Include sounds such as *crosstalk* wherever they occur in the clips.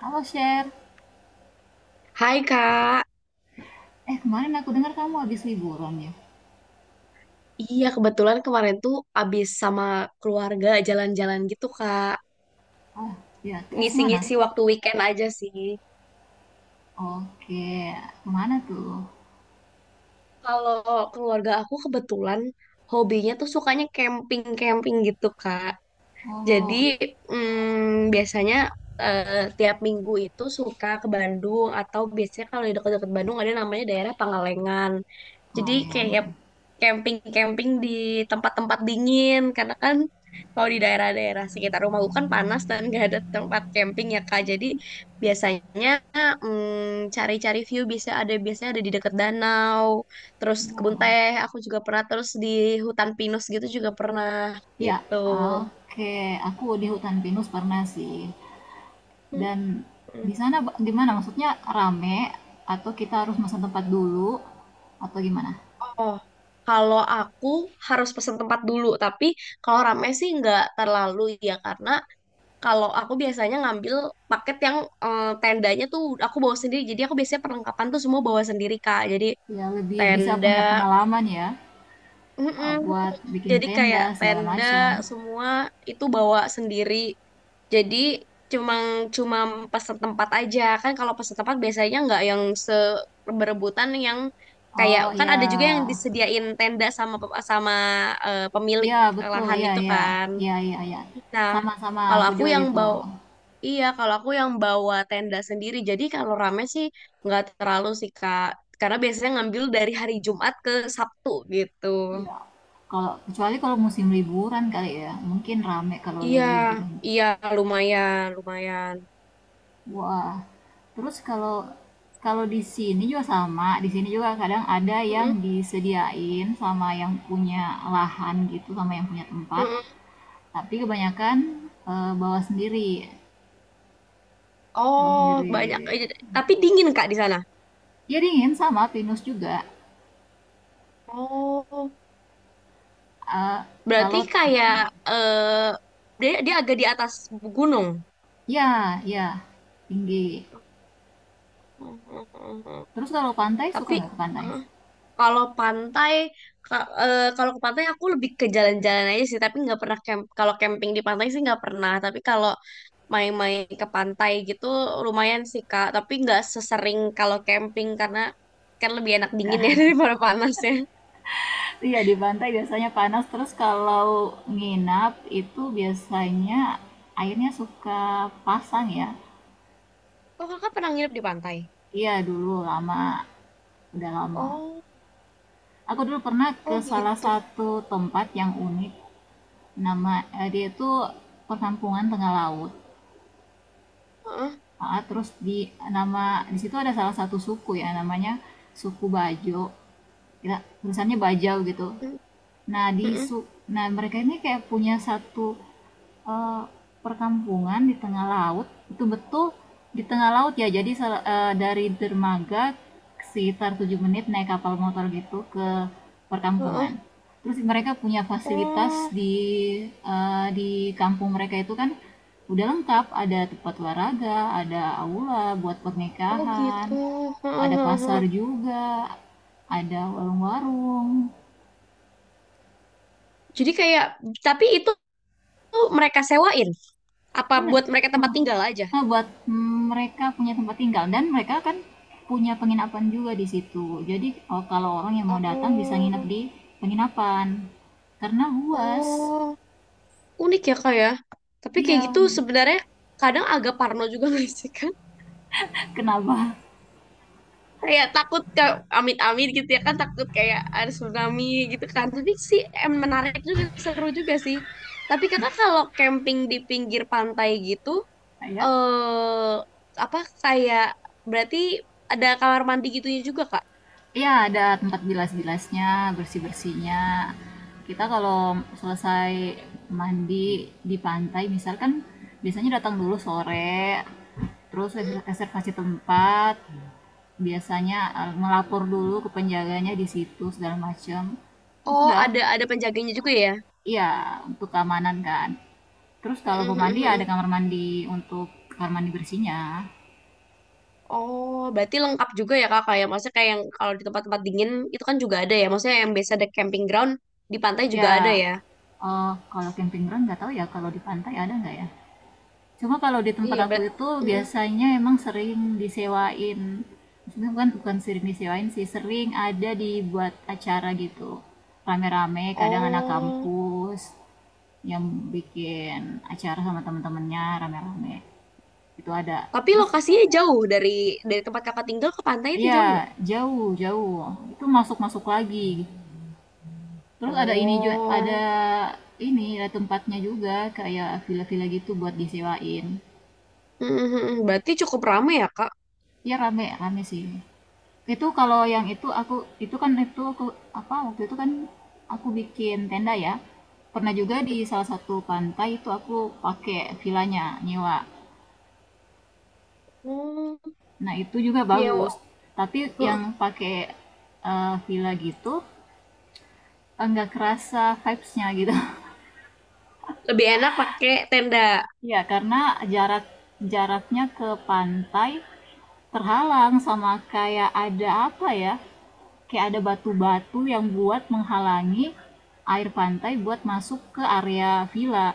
Halo Sher, Hai Kak, eh kemarin aku dengar kamu habis liburan ya? iya kebetulan kemarin tuh abis sama keluarga jalan-jalan gitu Kak, Ah, ya terus mana? ngisi-ngisi waktu weekend aja sih. Oke, kemana tuh? Kalau keluarga aku kebetulan hobinya tuh sukanya camping-camping gitu Kak. Jadi Oh, biasanya eh, tiap minggu itu suka ke Bandung atau biasanya kalau di dekat-dekat Bandung ada namanya daerah Pangalengan. Jadi kayak kemarin. camping-camping di tempat-tempat dingin karena kan kalau di daerah-daerah sekitar rumahku kan panas dan gak ada tempat camping ya Kak. Jadi biasanya cari-cari view bisa ada biasanya ada di dekat danau, terus kebun Wow. teh. Aku juga pernah terus di hutan pinus gitu juga pernah Ya, gitu. oke. Aku di hutan pinus pernah sih. Dan Mm. di sana gimana? Maksudnya rame atau kita harus pesan tempat dulu atau gimana? Oh, kalau aku harus pesen tempat dulu, tapi kalau rame sih nggak terlalu ya karena kalau aku biasanya ngambil paket tendanya tuh aku bawa sendiri. Jadi aku biasanya perlengkapan tuh semua bawa sendiri Kak. Jadi Ya lebih bisa tenda, punya pengalaman ya eh, mm-mm. buat bikin Jadi tenda kayak segala tenda macam. semua itu bawa sendiri. Jadi cuma cuma pesen tempat aja kan kalau pesen tempat biasanya nggak yang se berebutan yang kayak Oh kan ya, ada juga yang disediain tenda sama pe- sama eh, pemilik iya, betul, lahan iya itu iya. kan. Iya iya iya. Nah, Sama-sama, kalau aku aku juga yang gitu. bawa iya, kalau aku yang bawa tenda sendiri. Jadi kalau rame sih nggak terlalu sih Kak. Karena biasanya ngambil dari hari Jumat ke Sabtu gitu. Iya. Kalau kecuali kalau musim liburan kali ya, mungkin rame kalau Iya, lagi liburan. iya lumayan, lumayan. Wah. Terus kalau kalau di sini juga sama, di sini juga kadang ada Mm-mm, yang disediain sama yang punya lahan gitu, sama yang punya tempat. mm-mm. Tapi kebanyakan eh, bawa sendiri, bawa Oh, sendiri. banyak aja. Tapi dingin Kak di sana. Ya dingin sama pinus juga. Oh, Eh, berarti kalau kayak eh dia dia agak di atas gunung. Ya, ya tinggi. Mm-mm. Terus kalau pantai suka Tapi nggak ke pantai? eh, kalau pantai kalau ke pantai aku lebih ke jalan-jalan aja sih, tapi nggak pernah camp. Kalau camping di pantai sih nggak pernah. Tapi kalau main-main ke pantai gitu lumayan sih Kak, tapi nggak sesering kalau camping karena kan lebih enak dingin ya *laughs* Ka- daripada panasnya. *laughs* Iya di pantai biasanya panas. Terus kalau nginap itu biasanya airnya suka pasang ya. Oh, Kakak pernah nginep di pantai? Iya dulu lama, udah lama. Oh, Aku dulu pernah ke oh salah gitu. satu tempat yang unik. Nama Dia itu perkampungan tengah laut. Heeh. Ah, terus nama di situ ada salah satu suku ya namanya suku Bajo. Ya, tulisannya Bajau gitu. Mm, Nah, di mm-mm, su nah mereka ini kayak punya satu, eee, perkampungan di tengah laut, betul-betul di tengah laut ya. Jadi dari dermaga sekitar 7 menit naik kapal motor gitu ke perkampungan. heeh. Terus mereka punya fasilitas Oh, di kampung mereka itu kan udah lengkap, ada tempat olahraga, ada aula buat oh pernikahan, gitu. Heeh, ada heeh, pasar heeh. juga, ada warung-warung. Jadi kayak tapi itu tuh mereka sewain apa Mmm, buat mereka tempat mhm. tinggal aja? Oh, buat mereka punya tempat tinggal dan mereka kan punya penginapan juga di situ. Jadi, kalau orang yang mau datang bisa nginep Oh, di penginapan, karena luas. oh, unik ya Kak ya. Tapi kayak Iya, gitu sebenarnya kadang agak parno juga *laughs* nggak sih Kak? *laughs* kenapa? Kayak takut ke amit-amit gitu ya kan, takut kayak ada tsunami gitu kan. Tapi sih menarik juga, seru juga sih. Tapi Kakak kalau camping di pinggir pantai gitu, Iya? eh apa kayak berarti ada kamar mandi gitunya juga Kak? Iya, ada tempat bilas-bilasnya, bersih-bersihnya. Kita kalau selesai mandi di pantai misal kan biasanya datang dulu sore, terus Mm. reservasi tempat, biasanya eh, melapor dulu ke penjaganya di situ segala macam terus Oh, udah. ada penjaganya juga ya. Iya, untuk keamanan kan. Terus kalau mau mandi ya ada Mm-mm-mm-mm. kamar mandi, untuk kamar mandi bersihnya Oh, berarti lengkap juga ya Kak, kayak maksudnya kayak yang kalau di tempat-tempat dingin itu kan juga ada ya, maksudnya yang biasa ada camping ground di pantai juga ada ya ya. eh, kalau camping ground nggak tahu ya kalau di pantai ada nggak ya. Cuma kalau di tempat Iya, aku berarti. itu biasanya emang sering disewain. Maksudnya bukan, bukan sering disewain sih, sering ada dibuat acara gitu. Rame-rame, kadang anak Oh, kampus yang bikin acara sama temen-temennya rame-rame. Itu ada. tapi Terus lokasinya jauh dari tempat kakak tinggal ke pantai itu, ya jauh nggak? jauh, jauh. Itu masuk-masuk lagi. Terus ada ini juga, ada Oh, ini ada tempatnya juga kayak villa-villa gitu buat disewain. mhm, berarti cukup ramai ya Kak? Iya rame rame sih. Itu kalau yang itu aku, itu kan itu aku apa, waktu itu kan aku bikin tenda ya. Pernah juga di salah satu pantai itu aku pakai vilanya, nyewa. Hmm, Nah, itu juga nyewa. bagus. Tapi Heeh. yang pakai eh, villa gitu enggak kerasa vibes-nya gitu. Lebih enak pakai tenda. *laughs* Ya karena jarak jaraknya ke pantai terhalang sama kayak ada apa ya? Kayak ada batu-batu yang buat menghalangi air pantai buat masuk ke area villa.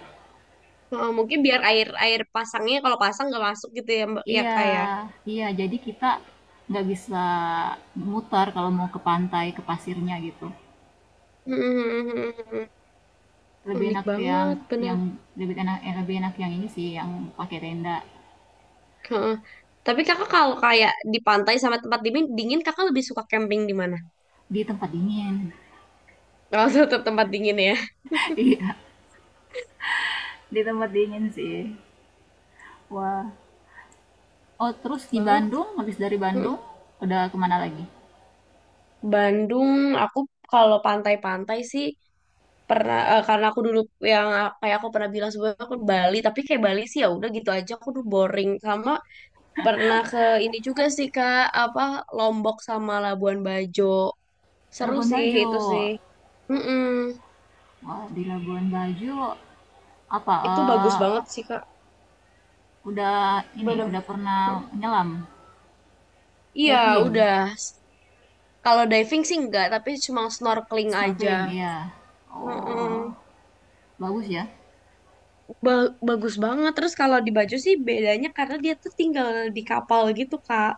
Heeh, mungkin biar air air pasangnya kalau pasang nggak masuk gitu ya mbak ya Iya, kak ya. iya. Jadi kita nggak bisa mutar kalau mau ke pantai, ke pasirnya gitu. Mhm, Lebih unik enak yang banget bener. yang lebih enak eh, lebih enak yang ini sih, yang pakai tenda, Heeh. Tapi Kakak kalau kayak di pantai sama tempat dingin, dingin Kakak lebih suka camping di mana? di tempat dingin. *laughs* Kalau *laughs* tetap tempat dingin ya. Iya, di tempat dingin sih. Wah. Oh, terus di Banget. Bandung, habis dari Heeh. Bandung, udah kemana lagi? Bandung, aku kalau pantai-pantai sih pernah, karena aku dulu yang kayak aku pernah bilang sebelumnya aku ke Bali. Tapi kayak Bali sih ya udah gitu aja, aku tuh boring sama. Pernah ke ini juga sih Kak, apa, Lombok sama Labuan Bajo, seru Labuan sih itu sih. Bajo. Mm-mm. Wah, di Labuan Bajo apa Itu bagus eh, banget sih Kak, udah ini bener. udah pernah nyelam, Iya, diving, udah. Kalau diving sih enggak, tapi cuma snorkeling aja. snorkeling, iya. Oh, Mm-mm. bagus ya. Bagus banget. Terus kalau di Bajo sih bedanya karena dia tuh tinggal di kapal gitu Kak,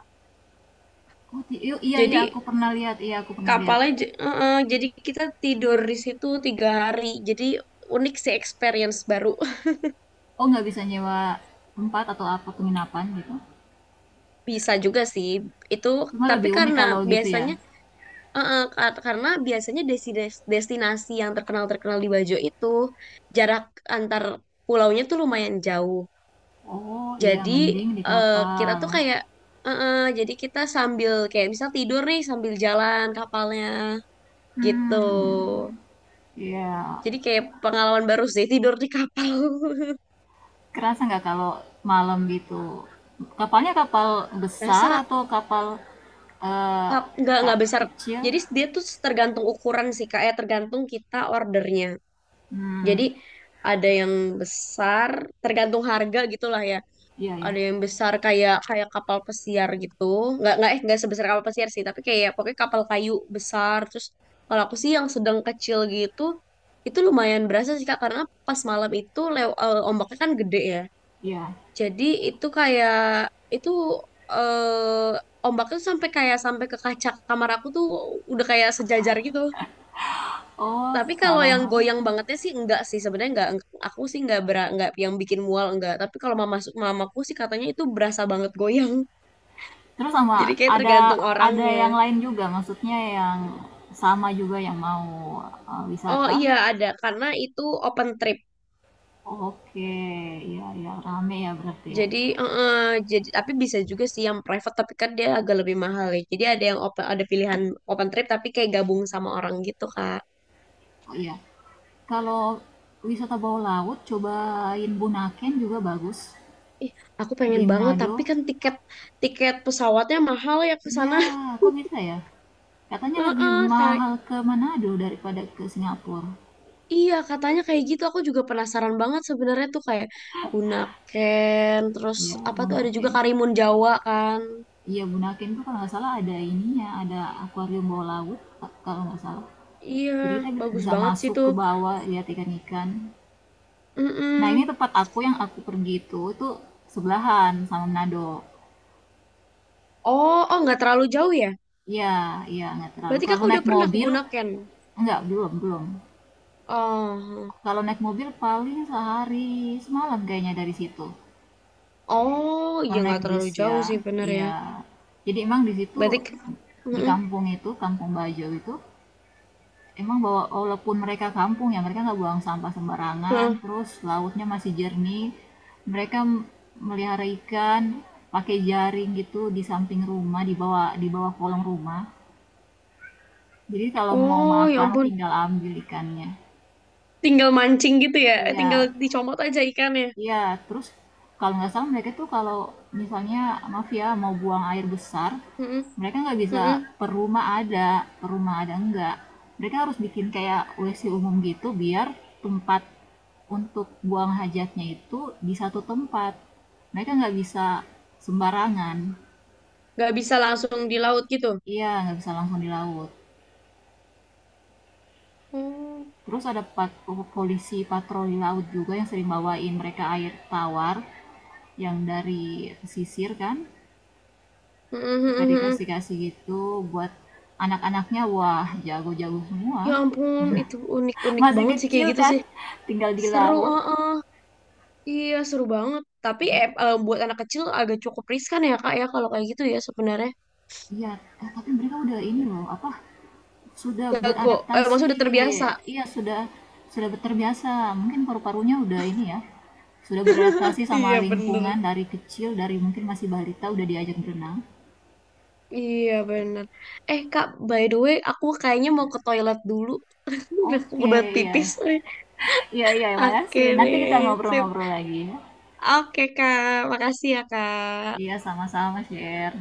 Oh, iya iya iya, jadi aku pernah lihat, iya aku pernah lihat. kapalnya, heeh, jadi kita tidur di situ 3 hari. Jadi unik sih experience baru. Oh, nggak bisa nyewa tempat atau apa penginapan gitu. *laughs* Bisa juga sih itu, Cuma tapi lebih unik karena kalau gitu ya. biasanya, heeh, karena biasanya destinasi yang terkenal-terkenal di Bajo itu jarak antar pulaunya tuh lumayan jauh. Oh, iya Jadi mending di kita kapal. tuh kayak, heeh, jadi kita sambil kayak misal tidur nih sambil jalan kapalnya gitu. Hmm, iya. Jadi kayak pengalaman baru sih tidur di kapal. Kerasa nggak kalau malam gitu? Kapalnya kapal *laughs* besar Berasa atau kapal eh, Cup nggak besar. kecil? Jadi dia tuh tergantung ukuran sih Kak, ya tergantung kita ordernya. Jadi Hmm, ada yang besar, tergantung harga gitulah ya. iya ya, Ada yang besar kayak kayak kapal pesiar gitu. Nggak sebesar kapal pesiar sih, tapi kayak pokoknya kapal kayu besar. Terus kalau aku sih yang sedang kecil gitu, itu lumayan berasa sih Kak karena pas malam itu ombaknya kan gede ya. iya. Jadi itu itu ombaknya tuh sampai kayak sampai ke kaca kamar aku tuh udah kayak sejajar gitu. Oh, Tapi kalau kalau yang malam. goyang bangetnya sih enggak sih sebenarnya enggak aku sih enggak enggak yang bikin mual enggak. Tapi kalau mama masuk mamaku sih katanya itu berasa banget goyang. Terus *laughs* Jadi sama kayak ada tergantung ada yang orangnya. lain juga, maksudnya yang sama juga yang mau eh, Oh wisata. iya ada karena itu open trip. Oke, iya ya, rame ya berarti ya. Jadi eh, eh, jadi tapi bisa juga sih yang private tapi kan dia agak lebih mahal ya. Jadi ada yang open ada pilihan open trip tapi kayak gabung sama orang gitu, Kak. Oh iya. Kalau wisata bawah laut, cobain Bunaken juga bagus, Ih, aku pengen di banget, tapi Manado. kan tiket tiket pesawatnya mahal ya ke Iya, sana. kok bisa ya? Katanya *laughs* lebih Heeh, kayak mahal ke Manado daripada ke Singapura. iya katanya kayak gitu. Aku juga penasaran banget sebenarnya tuh kayak Bunaken, terus Ya, apa tuh ada juga Bunaken. Karimun Jawa kan. Iya, Bunaken tuh kalau nggak salah ada ininya, ada akuarium bawah laut, kalau nggak salah. Iya, Jadi kita bagus bisa banget sih masuk tuh. ke bawah lihat ikan-ikan. Nah, ini Mm-mm. tempat aku yang aku pergi itu sebelahan sama Manado. Oh, oh nggak terlalu jauh ya? Iya, iya, nggak terlalu. Berarti Kalau kakak naik udah pernah ke mobil, Bunaken? nggak, belum, belum. Oh, Kalau naik mobil paling sehari semalam kayaknya dari situ. oh Oh, iya naik nggak bis terlalu ya. jauh sih bener ya. Iya. Jadi emang di situ, Berarti, di mm-mm. kampung itu, Kampung Bajo itu emang, bahwa walaupun mereka kampung ya mereka nggak buang sampah sembarangan, Nah, terus lautnya masih jernih. Mereka melihara ikan pakai jaring gitu di samping rumah, di bawah kolong rumah. Jadi kalau mau oh, ya makan ampun. tinggal ambil ikannya. Tinggal mancing gitu ya, eh, Iya, tinggal dicomot aja ikannya. iya, terus kalau nggak salah mereka tuh kalau misalnya maaf ya mau buang air besar, Mm-mm, mereka nggak bisa mm-mm. per rumah ada, per rumah ada enggak. Mereka harus bikin kayak WC umum gitu, biar tempat untuk buang hajatnya itu di satu tempat. Mereka nggak bisa sembarangan. Nggak bisa langsung di laut gitu. Iya, nggak bisa langsung di laut. Oh, Terus ada polisi patroli laut juga yang sering bawain mereka air tawar yang dari pesisir kan. mm-mm, Suka mm-mm, mm-mm. dikasih-kasih gitu buat anak-anaknya, wah jago-jago Ya semua. ampun, itu unik-unik Masih banget sih kayak kecil gitu kan, sih. tinggal di Seru, laut. iya, seru banget. Tapi buat anak kecil agak cukup riskan ya, Kak, ya kalau kayak gitu ya sebenarnya. Iya, eh, tapi mereka udah ini loh, apa, sudah Jago, eh, beradaptasi. maksudnya udah terbiasa. Iya, sudah terbiasa. Mungkin paru-parunya udah ini ya, sudah beradaptasi sama Iya, bener. lingkungan dari kecil, dari mungkin masih balita udah diajak berenang. Iya, bener. Eh, Kak, by the way, aku kayaknya mau ke toilet dulu. *laughs* Udah Oke, udah pipis. iya. Iya, iya, makasih. Oke Nanti kita deh, sip. ngobrol-ngobrol lagi ya. Oke, Kak. Makasih ya, Kak. Iya, sama-sama, share.